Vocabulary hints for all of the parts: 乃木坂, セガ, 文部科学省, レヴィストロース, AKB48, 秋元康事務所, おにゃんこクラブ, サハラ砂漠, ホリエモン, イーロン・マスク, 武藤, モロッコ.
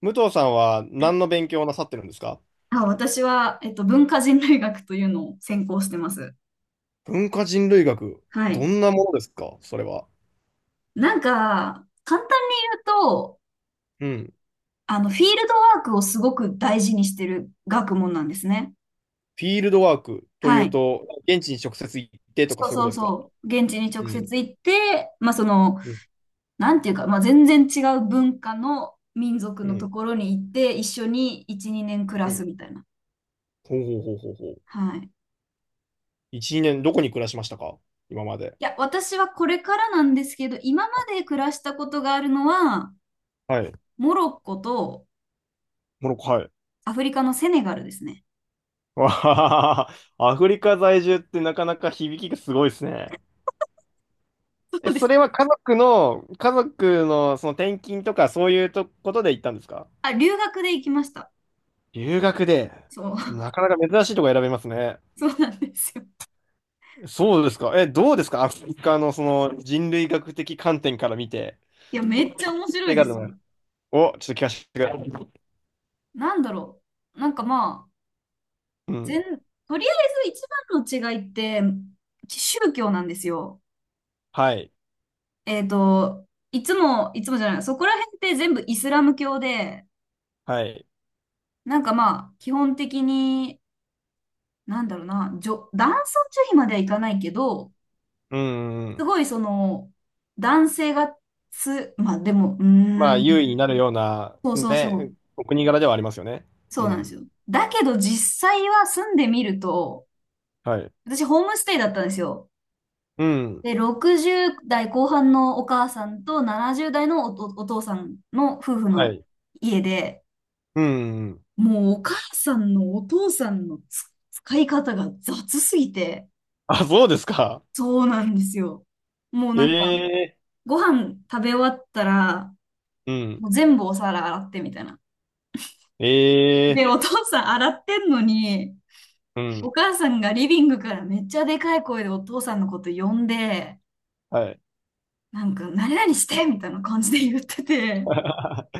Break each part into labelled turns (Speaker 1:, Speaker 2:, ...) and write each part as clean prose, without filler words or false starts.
Speaker 1: 武藤さんは何の勉強をなさってるんですか？
Speaker 2: あ、私は、文化人類学というのを専攻してます。
Speaker 1: 文化人類学、
Speaker 2: は
Speaker 1: ど
Speaker 2: い。
Speaker 1: んなものですかそれは。
Speaker 2: なんか、簡単に言うと、
Speaker 1: うん。
Speaker 2: フィールドワークをすごく大事にしてる学問なんですね。
Speaker 1: フィールドワークとい
Speaker 2: は
Speaker 1: う
Speaker 2: い。
Speaker 1: と、現地に直接行ってとか
Speaker 2: そう
Speaker 1: そういうこ
Speaker 2: そ
Speaker 1: と
Speaker 2: う
Speaker 1: ですか？
Speaker 2: そう。現地に
Speaker 1: う
Speaker 2: 直
Speaker 1: ん。
Speaker 2: 接行って、まあ、その、
Speaker 1: うん。
Speaker 2: なんていうか、まあ、全然違う文化の民族
Speaker 1: う
Speaker 2: のと
Speaker 1: ん。
Speaker 2: ころに行って、一緒に1、2年暮ら
Speaker 1: う
Speaker 2: す
Speaker 1: ん。
Speaker 2: みたいな。
Speaker 1: ほうほうほうほうほう。
Speaker 2: はい。
Speaker 1: 一、年、にねんどこに暮らしましたか？今まで。
Speaker 2: いや、私はこれからなんですけど、今ま
Speaker 1: あ、
Speaker 2: で暮らしたことがあるのは、
Speaker 1: はい。
Speaker 2: モロッコと、
Speaker 1: モロッコ、はい。
Speaker 2: アフリカのセネガルですね。
Speaker 1: わはははは、アフリカ在住ってなかなか響きがすごいですね。
Speaker 2: そ
Speaker 1: え、
Speaker 2: うで
Speaker 1: そ
Speaker 2: す。
Speaker 1: れは家族の、家族のその転勤とかそういうとことで行ったんですか？
Speaker 2: あ、留学で行きました。
Speaker 1: 留学で、
Speaker 2: そう、
Speaker 1: なかなか珍しいとこ選べますね。
Speaker 2: そうなんですよ。
Speaker 1: そうですか。え、どうですかアフリカのその人類学的観点から見て。
Speaker 2: いや、めっちゃ面白
Speaker 1: 手
Speaker 2: いで
Speaker 1: 軽
Speaker 2: すよ。
Speaker 1: な、お、ちょっと聞かせてください。
Speaker 2: なんだろう。なんかまあ、
Speaker 1: う
Speaker 2: 全、
Speaker 1: ん。
Speaker 2: とりあえず一番の違いって、宗教なんですよ。
Speaker 1: はい。
Speaker 2: えっと、いつも、いつもじゃない、そこら辺って全部イスラム教で、
Speaker 1: はい。
Speaker 2: なんかまあ、基本的に、なんだろうな、男尊女卑まではいかないけど、
Speaker 1: うん、う
Speaker 2: す
Speaker 1: ん。
Speaker 2: ごいその、男性がまあでも、
Speaker 1: まあ、優位になるような、
Speaker 2: そうそうそ
Speaker 1: ね、
Speaker 2: う。
Speaker 1: お国柄ではありますよね。
Speaker 2: そ
Speaker 1: う
Speaker 2: うなんです
Speaker 1: ん。
Speaker 2: よ。だけど実際は住んでみると、
Speaker 1: はい。
Speaker 2: 私ホームステイだったんですよ。
Speaker 1: うん。
Speaker 2: で、60代後半のお母さんと70代のお父さんの夫婦
Speaker 1: は
Speaker 2: の
Speaker 1: い。
Speaker 2: 家で、
Speaker 1: うん。うん。
Speaker 2: もうお母さんのお父さんの使い方が雑すぎて、
Speaker 1: あ、そうですか。
Speaker 2: そうなんですよ。もうなんか、
Speaker 1: ええ。
Speaker 2: ご飯食べ終わったら、
Speaker 1: うん。
Speaker 2: もう全部お皿洗ってみたいな。
Speaker 1: ええ。
Speaker 2: で、お父さん洗ってんのに、
Speaker 1: う
Speaker 2: お
Speaker 1: ん。
Speaker 2: 母さんがリビングからめっちゃでかい声でお父さんのこと呼んで、
Speaker 1: はい。
Speaker 2: なんか、何々してみたいな感じで言ってて、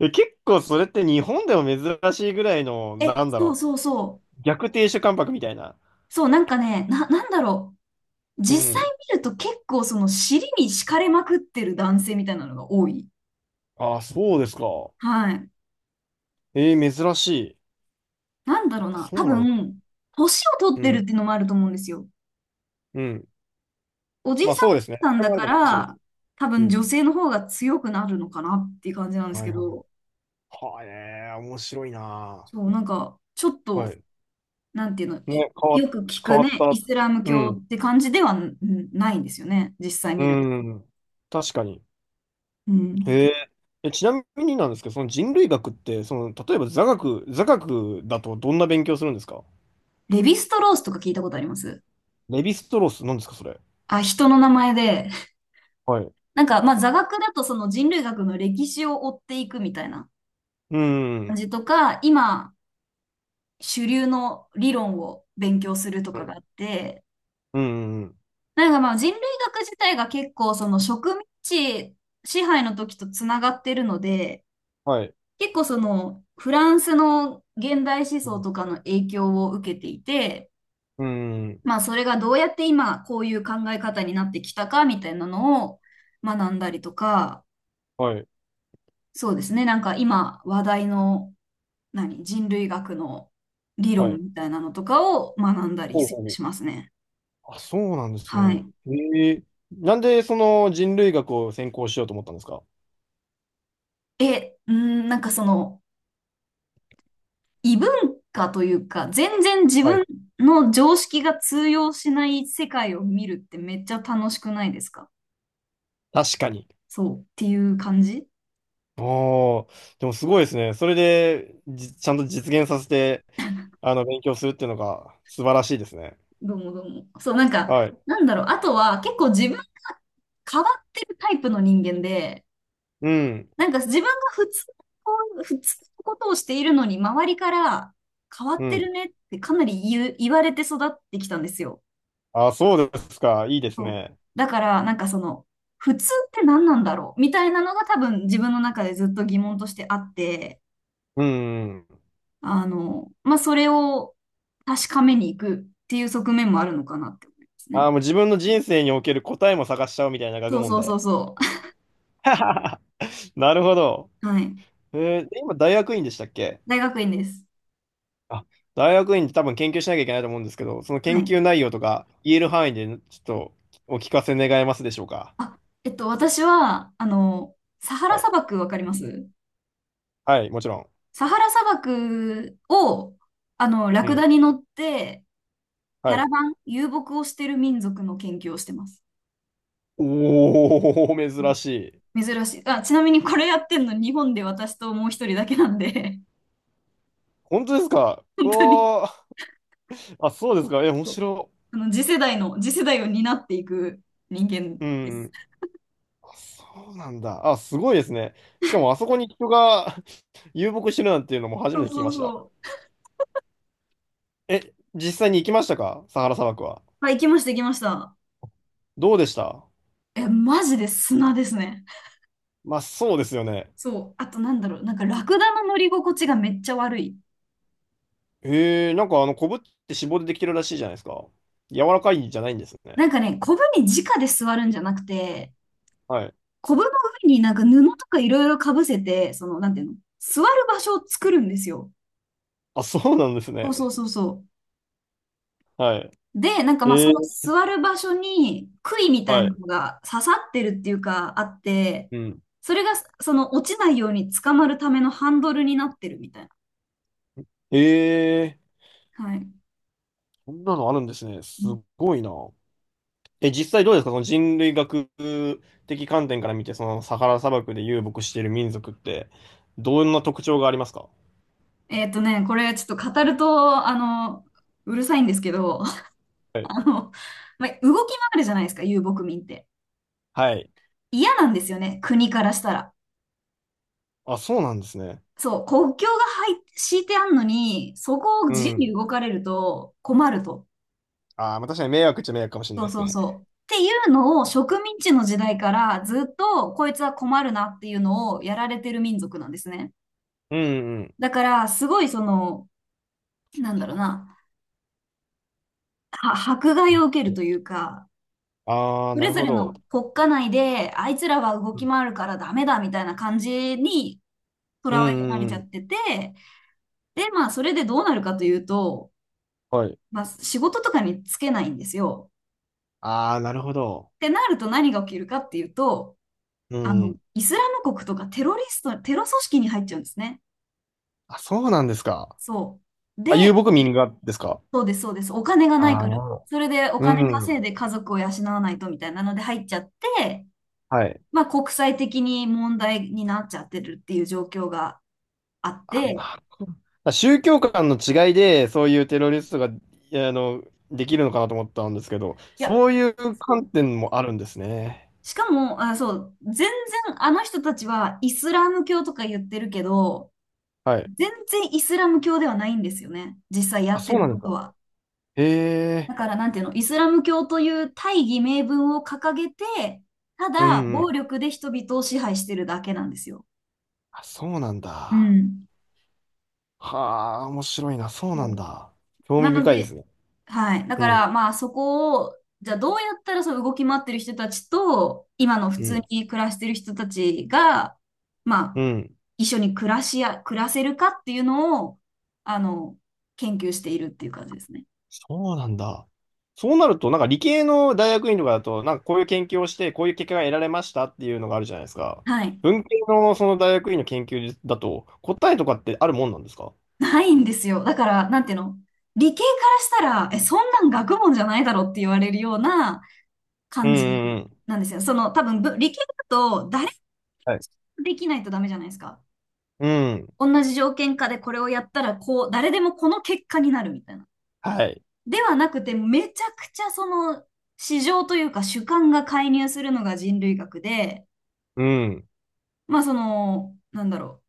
Speaker 1: え、結構それって日本でも珍しいぐらいの、
Speaker 2: え、そうそうそ
Speaker 1: 逆亭主関白みたいな。
Speaker 2: う、そう、なんかね、なんだろう、
Speaker 1: う
Speaker 2: 実際
Speaker 1: ん。
Speaker 2: 見ると結構その尻に敷かれまくってる男性みたいなのが多い。
Speaker 1: ああ、そうですか。
Speaker 2: はい。
Speaker 1: えー、珍しい。
Speaker 2: なんだろう
Speaker 1: あ、
Speaker 2: な、
Speaker 1: そ
Speaker 2: 多
Speaker 1: うなんですか。
Speaker 2: 分、年を取っ
Speaker 1: う
Speaker 2: てるっ
Speaker 1: ん。
Speaker 2: ていうのもあると思うんですよ。
Speaker 1: うん。
Speaker 2: おじい
Speaker 1: まあ
Speaker 2: さ
Speaker 1: そうですね。
Speaker 2: んさ
Speaker 1: そ
Speaker 2: ん
Speaker 1: れ
Speaker 2: だ
Speaker 1: もある
Speaker 2: か
Speaker 1: かもしれないで
Speaker 2: ら、
Speaker 1: す。
Speaker 2: 多
Speaker 1: う
Speaker 2: 分
Speaker 1: ん。
Speaker 2: 女性の方が強くなるのかなっていう感じなんです
Speaker 1: はい
Speaker 2: け
Speaker 1: はいはい。
Speaker 2: ど、
Speaker 1: はあね、面白いな
Speaker 2: そう、なんか、ちょっ
Speaker 1: あ。は
Speaker 2: と、
Speaker 1: い。
Speaker 2: なんていうの、
Speaker 1: ね、
Speaker 2: よく聞
Speaker 1: 変
Speaker 2: く
Speaker 1: わっ
Speaker 2: ね、イ
Speaker 1: た。
Speaker 2: スラム
Speaker 1: う
Speaker 2: 教
Speaker 1: ん。
Speaker 2: って感じではないんですよね、実際
Speaker 1: う
Speaker 2: 見ると。
Speaker 1: ん。確かに。
Speaker 2: うん。
Speaker 1: へえ。え、ちなみになんですけど、その人類学って、その、例えば座学、座学だとどんな勉強するんですか？
Speaker 2: レヴィストロースとか聞いたことあります。
Speaker 1: レヴィストロース、なんですか、それ。
Speaker 2: あ、人の名前で。
Speaker 1: はい。
Speaker 2: なんか、まあ、座学だとその人類学の歴史を追っていくみたいな
Speaker 1: う
Speaker 2: 感
Speaker 1: ん。
Speaker 2: じとか、今、主流の理論を勉強すると
Speaker 1: う
Speaker 2: かが
Speaker 1: ん。
Speaker 2: あって、
Speaker 1: うん。
Speaker 2: なんかまあ人類学自体が結構その植民地支配の時とつながってるので、
Speaker 1: はい。
Speaker 2: 結構そのフランスの現代思想とかの影響を受けていて、
Speaker 1: うん。
Speaker 2: まあそれがどうやって今こういう考え方になってきたかみたいなのを学んだりとか、
Speaker 1: はい。
Speaker 2: そうですね、なんか今話題の人類学の理
Speaker 1: は
Speaker 2: 論
Speaker 1: い。
Speaker 2: みたいなのとかを学んだり
Speaker 1: ほう
Speaker 2: し
Speaker 1: ほうほう。
Speaker 2: ますね。
Speaker 1: あ、そうなんです
Speaker 2: は
Speaker 1: ね。
Speaker 2: い。
Speaker 1: ええ。なんでその人類学を専攻しようと思ったんですか？
Speaker 2: え、うん、なんかその異文化というか、全然自
Speaker 1: は
Speaker 2: 分
Speaker 1: い。
Speaker 2: の常識が通用しない世界を見るってめっちゃ楽しくないですか？
Speaker 1: 確かに。
Speaker 2: そうっていう感じ。
Speaker 1: おー、でもすごいですね。それで、ちゃんと実現させて、あの、勉強するっていうのが素晴らしいですね。
Speaker 2: どうもどうも。そう、なんか、
Speaker 1: はい。
Speaker 2: なんだろう。あとは結構自分が変わってるタイプの人間で、
Speaker 1: うん。
Speaker 2: なんか自分がこ普通のことをしているのに、周りから変わ
Speaker 1: う
Speaker 2: ってる
Speaker 1: ん。
Speaker 2: ねってかなり言われて育ってきたんですよ。
Speaker 1: あ、そうですか。いいです
Speaker 2: そう
Speaker 1: ね。
Speaker 2: だから、なんかその、普通って何なんだろうみたいなのが多分自分の中でずっと疑問としてあって、
Speaker 1: うん。
Speaker 2: まあ、それを確かめに行くっていう側面もあるのかなって思います
Speaker 1: あ
Speaker 2: ね。
Speaker 1: あ、もう自分の人生における答えも探しちゃおうみたいな学
Speaker 2: そう
Speaker 1: 問
Speaker 2: そうそ
Speaker 1: で。
Speaker 2: うそ
Speaker 1: なるほど。
Speaker 2: う。はい。
Speaker 1: えー今、大学院でしたっけ？
Speaker 2: 大学院です。
Speaker 1: あ、大学院って多分研究しなきゃいけないと思うんですけど、その
Speaker 2: は
Speaker 1: 研
Speaker 2: い。
Speaker 1: 究内容とか言える範囲でちょっとお聞かせ願えますでしょうか。
Speaker 2: あ、私は、サハラ
Speaker 1: はい、
Speaker 2: 砂漠わかります。
Speaker 1: はい、もちろん。
Speaker 2: サハラ砂漠を、ラ
Speaker 1: う
Speaker 2: クダ
Speaker 1: ん。
Speaker 2: に乗って、キャ
Speaker 1: は
Speaker 2: ラ
Speaker 1: い。
Speaker 2: バン、遊牧をしてる民族の研究をしてます。
Speaker 1: おー、珍しい。
Speaker 2: 珍しい。あ、ちなみにこれやってんの日本で私ともう一人だけなんで、
Speaker 1: 本当ですか？ う
Speaker 2: 本当に、
Speaker 1: わー。あ、そうですか。え、面
Speaker 2: そう、
Speaker 1: 白。
Speaker 2: 次世代を担っていく人間
Speaker 1: う
Speaker 2: です。
Speaker 1: ん。あ、そうなんだ。あ、すごいですね。しかもあそこに人が 遊牧してるなんていうのも初
Speaker 2: そ
Speaker 1: め
Speaker 2: う
Speaker 1: て聞き
Speaker 2: そう
Speaker 1: ました。
Speaker 2: そう。
Speaker 1: え、実際に行きましたかサハラ砂漠は。
Speaker 2: はい、行きました、行きました。
Speaker 1: どうでした？
Speaker 2: え、マジで砂ですね。
Speaker 1: まあ、そうですよね。
Speaker 2: そう。あとなんだろう。なんかラクダの乗り心地がめっちゃ悪い。
Speaker 1: えー、なんかあの、コブって脂肪でできてるらしいじゃないですか。柔らかいんじゃないんですね。
Speaker 2: なんかね、コブに直で座るんじゃなくて、
Speaker 1: はい。
Speaker 2: コブの上になんか布とかいろいろかぶせて、その、なんていうの、座る場所を作るんですよ。
Speaker 1: あ、そうなんです
Speaker 2: そうそう
Speaker 1: ね。
Speaker 2: そうそう。
Speaker 1: はい。
Speaker 2: で、なんかまあ
Speaker 1: え
Speaker 2: その
Speaker 1: ー、
Speaker 2: 座る場所に杭みたい
Speaker 1: は
Speaker 2: な
Speaker 1: い。
Speaker 2: のが刺さってるっていうかあって、
Speaker 1: うん。
Speaker 2: それがその落ちないように捕まるためのハンドルになってるみたいな。
Speaker 1: えー、
Speaker 2: はい。
Speaker 1: そんなのあるんですね。す
Speaker 2: うん。
Speaker 1: ごいな。え、実際どうですかその人類学的観点から見て、そのサハラ砂漠で遊牧している民族って、どんな特徴がありますか？
Speaker 2: これちょっと語ると、うるさいんですけど、あの、まあ、動き回るじゃないですか、遊牧民って。
Speaker 1: はい。
Speaker 2: 嫌なんですよね、国からしたら。
Speaker 1: あ、そうなんですね。
Speaker 2: そう、国境が敷いてあんのに、そこを
Speaker 1: う
Speaker 2: 自由に
Speaker 1: ん。
Speaker 2: 動かれると困ると。
Speaker 1: あーまあ、確かに迷惑っちゃ迷惑かもしれ
Speaker 2: そ
Speaker 1: ない
Speaker 2: う
Speaker 1: です
Speaker 2: そう
Speaker 1: ね。
Speaker 2: そう。っていうのを植民地の時代からずっとこいつは困るなっていうのをやられてる民族なんですね。
Speaker 1: うんうん。
Speaker 2: だからすごいその、なんだろうな、迫害を受けるというか、
Speaker 1: ああ、
Speaker 2: そ
Speaker 1: な
Speaker 2: れ
Speaker 1: る
Speaker 2: ぞ
Speaker 1: ほ
Speaker 2: れの
Speaker 1: ど。
Speaker 2: 国家内であいつらは動
Speaker 1: う
Speaker 2: き
Speaker 1: ん
Speaker 2: 回るからダメだみたいな感じに捉
Speaker 1: う
Speaker 2: えられ
Speaker 1: んう
Speaker 2: ちゃ
Speaker 1: ん。
Speaker 2: ってて、で、まあ、それでどうなるかというと、
Speaker 1: はい。
Speaker 2: まあ、仕事とかにつけないんですよ。
Speaker 1: ああ、なるほど。
Speaker 2: ってなると何が起きるかっていうと、
Speaker 1: うん。
Speaker 2: イスラム国とかテロリスト、テロ組織に入っちゃうんですね。
Speaker 1: あ、そうなんですか。
Speaker 2: そう。で、
Speaker 1: あ、遊牧民がですか？
Speaker 2: そうです、そうです。お金がない
Speaker 1: ああ、
Speaker 2: か
Speaker 1: な
Speaker 2: ら。
Speaker 1: るほど。
Speaker 2: それでお
Speaker 1: う
Speaker 2: 金稼
Speaker 1: ん。
Speaker 2: いで家族を養わないとみたいなので入っちゃって、
Speaker 1: はい。
Speaker 2: まあ、国際的に問題になっちゃってるっていう状況があっ
Speaker 1: あ、
Speaker 2: て、
Speaker 1: なるほど。あ、宗教観の違いで、そういうテロリストが、いやあの、できるのかなと思ったんですけど、
Speaker 2: いや、
Speaker 1: そういう
Speaker 2: そ
Speaker 1: 観
Speaker 2: う、
Speaker 1: 点もあるんですね。
Speaker 2: しかも、あ、そう、全然あの人たちはイスラム教とか言ってるけど、
Speaker 1: はい。
Speaker 2: 全然イスラム教ではないんですよね。実際や
Speaker 1: あ、
Speaker 2: って
Speaker 1: そう
Speaker 2: る
Speaker 1: なんで
Speaker 2: こ
Speaker 1: す
Speaker 2: と
Speaker 1: か。
Speaker 2: は。
Speaker 1: へ
Speaker 2: だ
Speaker 1: え。
Speaker 2: から、なんていうの、イスラム教という大義名分を掲げて、た
Speaker 1: う
Speaker 2: だ
Speaker 1: んう
Speaker 2: 暴
Speaker 1: ん。
Speaker 2: 力で人々を支配してるだけなんですよ。
Speaker 1: あ、そうなん
Speaker 2: う
Speaker 1: だ。
Speaker 2: ん。
Speaker 1: はあ、面白いな。そうなん
Speaker 2: そ
Speaker 1: だ。
Speaker 2: う。
Speaker 1: 興
Speaker 2: な
Speaker 1: 味
Speaker 2: の
Speaker 1: 深いです
Speaker 2: で、
Speaker 1: ね。
Speaker 2: はい。だ
Speaker 1: う
Speaker 2: か
Speaker 1: ん、
Speaker 2: ら、まあそこを、じゃあどうやったらその動き回ってる人たちと、今の普
Speaker 1: う
Speaker 2: 通
Speaker 1: ん、
Speaker 2: に暮らしてる人たちが、まあ、
Speaker 1: うん。
Speaker 2: 一緒に暮らせるかっていうのを、あの、研究しているっていう感じですね。
Speaker 1: そうなんだ。そうなると、なんか理系の大学院とかだと、なんかこういう研究をして、こういう結果が得られましたっていうのがあるじゃないですか。
Speaker 2: はい。
Speaker 1: 文系のその大学院の研究だと、答えとかってあるもんなんですか？
Speaker 2: ないんですよ。だから、なんていうの、理系からしたら、え、そんなん学問じゃないだろって言われるような
Speaker 1: うん、う
Speaker 2: 感じ
Speaker 1: ん、うん。
Speaker 2: なんですよ。その、多分、理系だと誰も
Speaker 1: はい。
Speaker 2: できないとダメじゃないですか。
Speaker 1: うん。
Speaker 2: 同じ条件下でこれをやったら、こう、誰でもこの結果になるみたいな。
Speaker 1: はい。
Speaker 2: ではなくて、めちゃくちゃその、市場というか主観が介入するのが人類学で、
Speaker 1: うん。
Speaker 2: まあその、なんだろ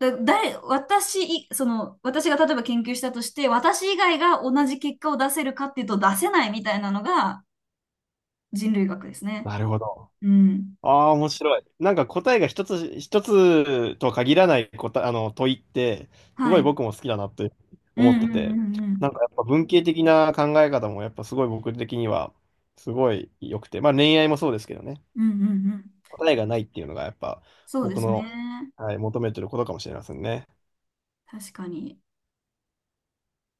Speaker 2: う。その、私が例えば研究したとして、私以外が同じ結果を出せるかっていうと出せないみたいなのが人類学ですね。
Speaker 1: なるほど。
Speaker 2: うん。
Speaker 1: ああ、面白い。なんか答えが一つ、一つとは限らない答え、あの、問いって、す
Speaker 2: は
Speaker 1: ご
Speaker 2: い。
Speaker 1: い
Speaker 2: うん
Speaker 1: 僕も好きだなって
Speaker 2: う
Speaker 1: 思っ
Speaker 2: んう
Speaker 1: て
Speaker 2: ん
Speaker 1: て、
Speaker 2: う
Speaker 1: なん
Speaker 2: ん。
Speaker 1: かやっぱ文系的な考え方もやっぱすごい僕的には、すごい良くて、まあ恋愛もそうですけどね、
Speaker 2: うんうんうん。
Speaker 1: 答えがないっていうのがやっぱ
Speaker 2: そうで
Speaker 1: 僕
Speaker 2: すね。
Speaker 1: の、はい、求めてることかもしれませんね。
Speaker 2: 確かに。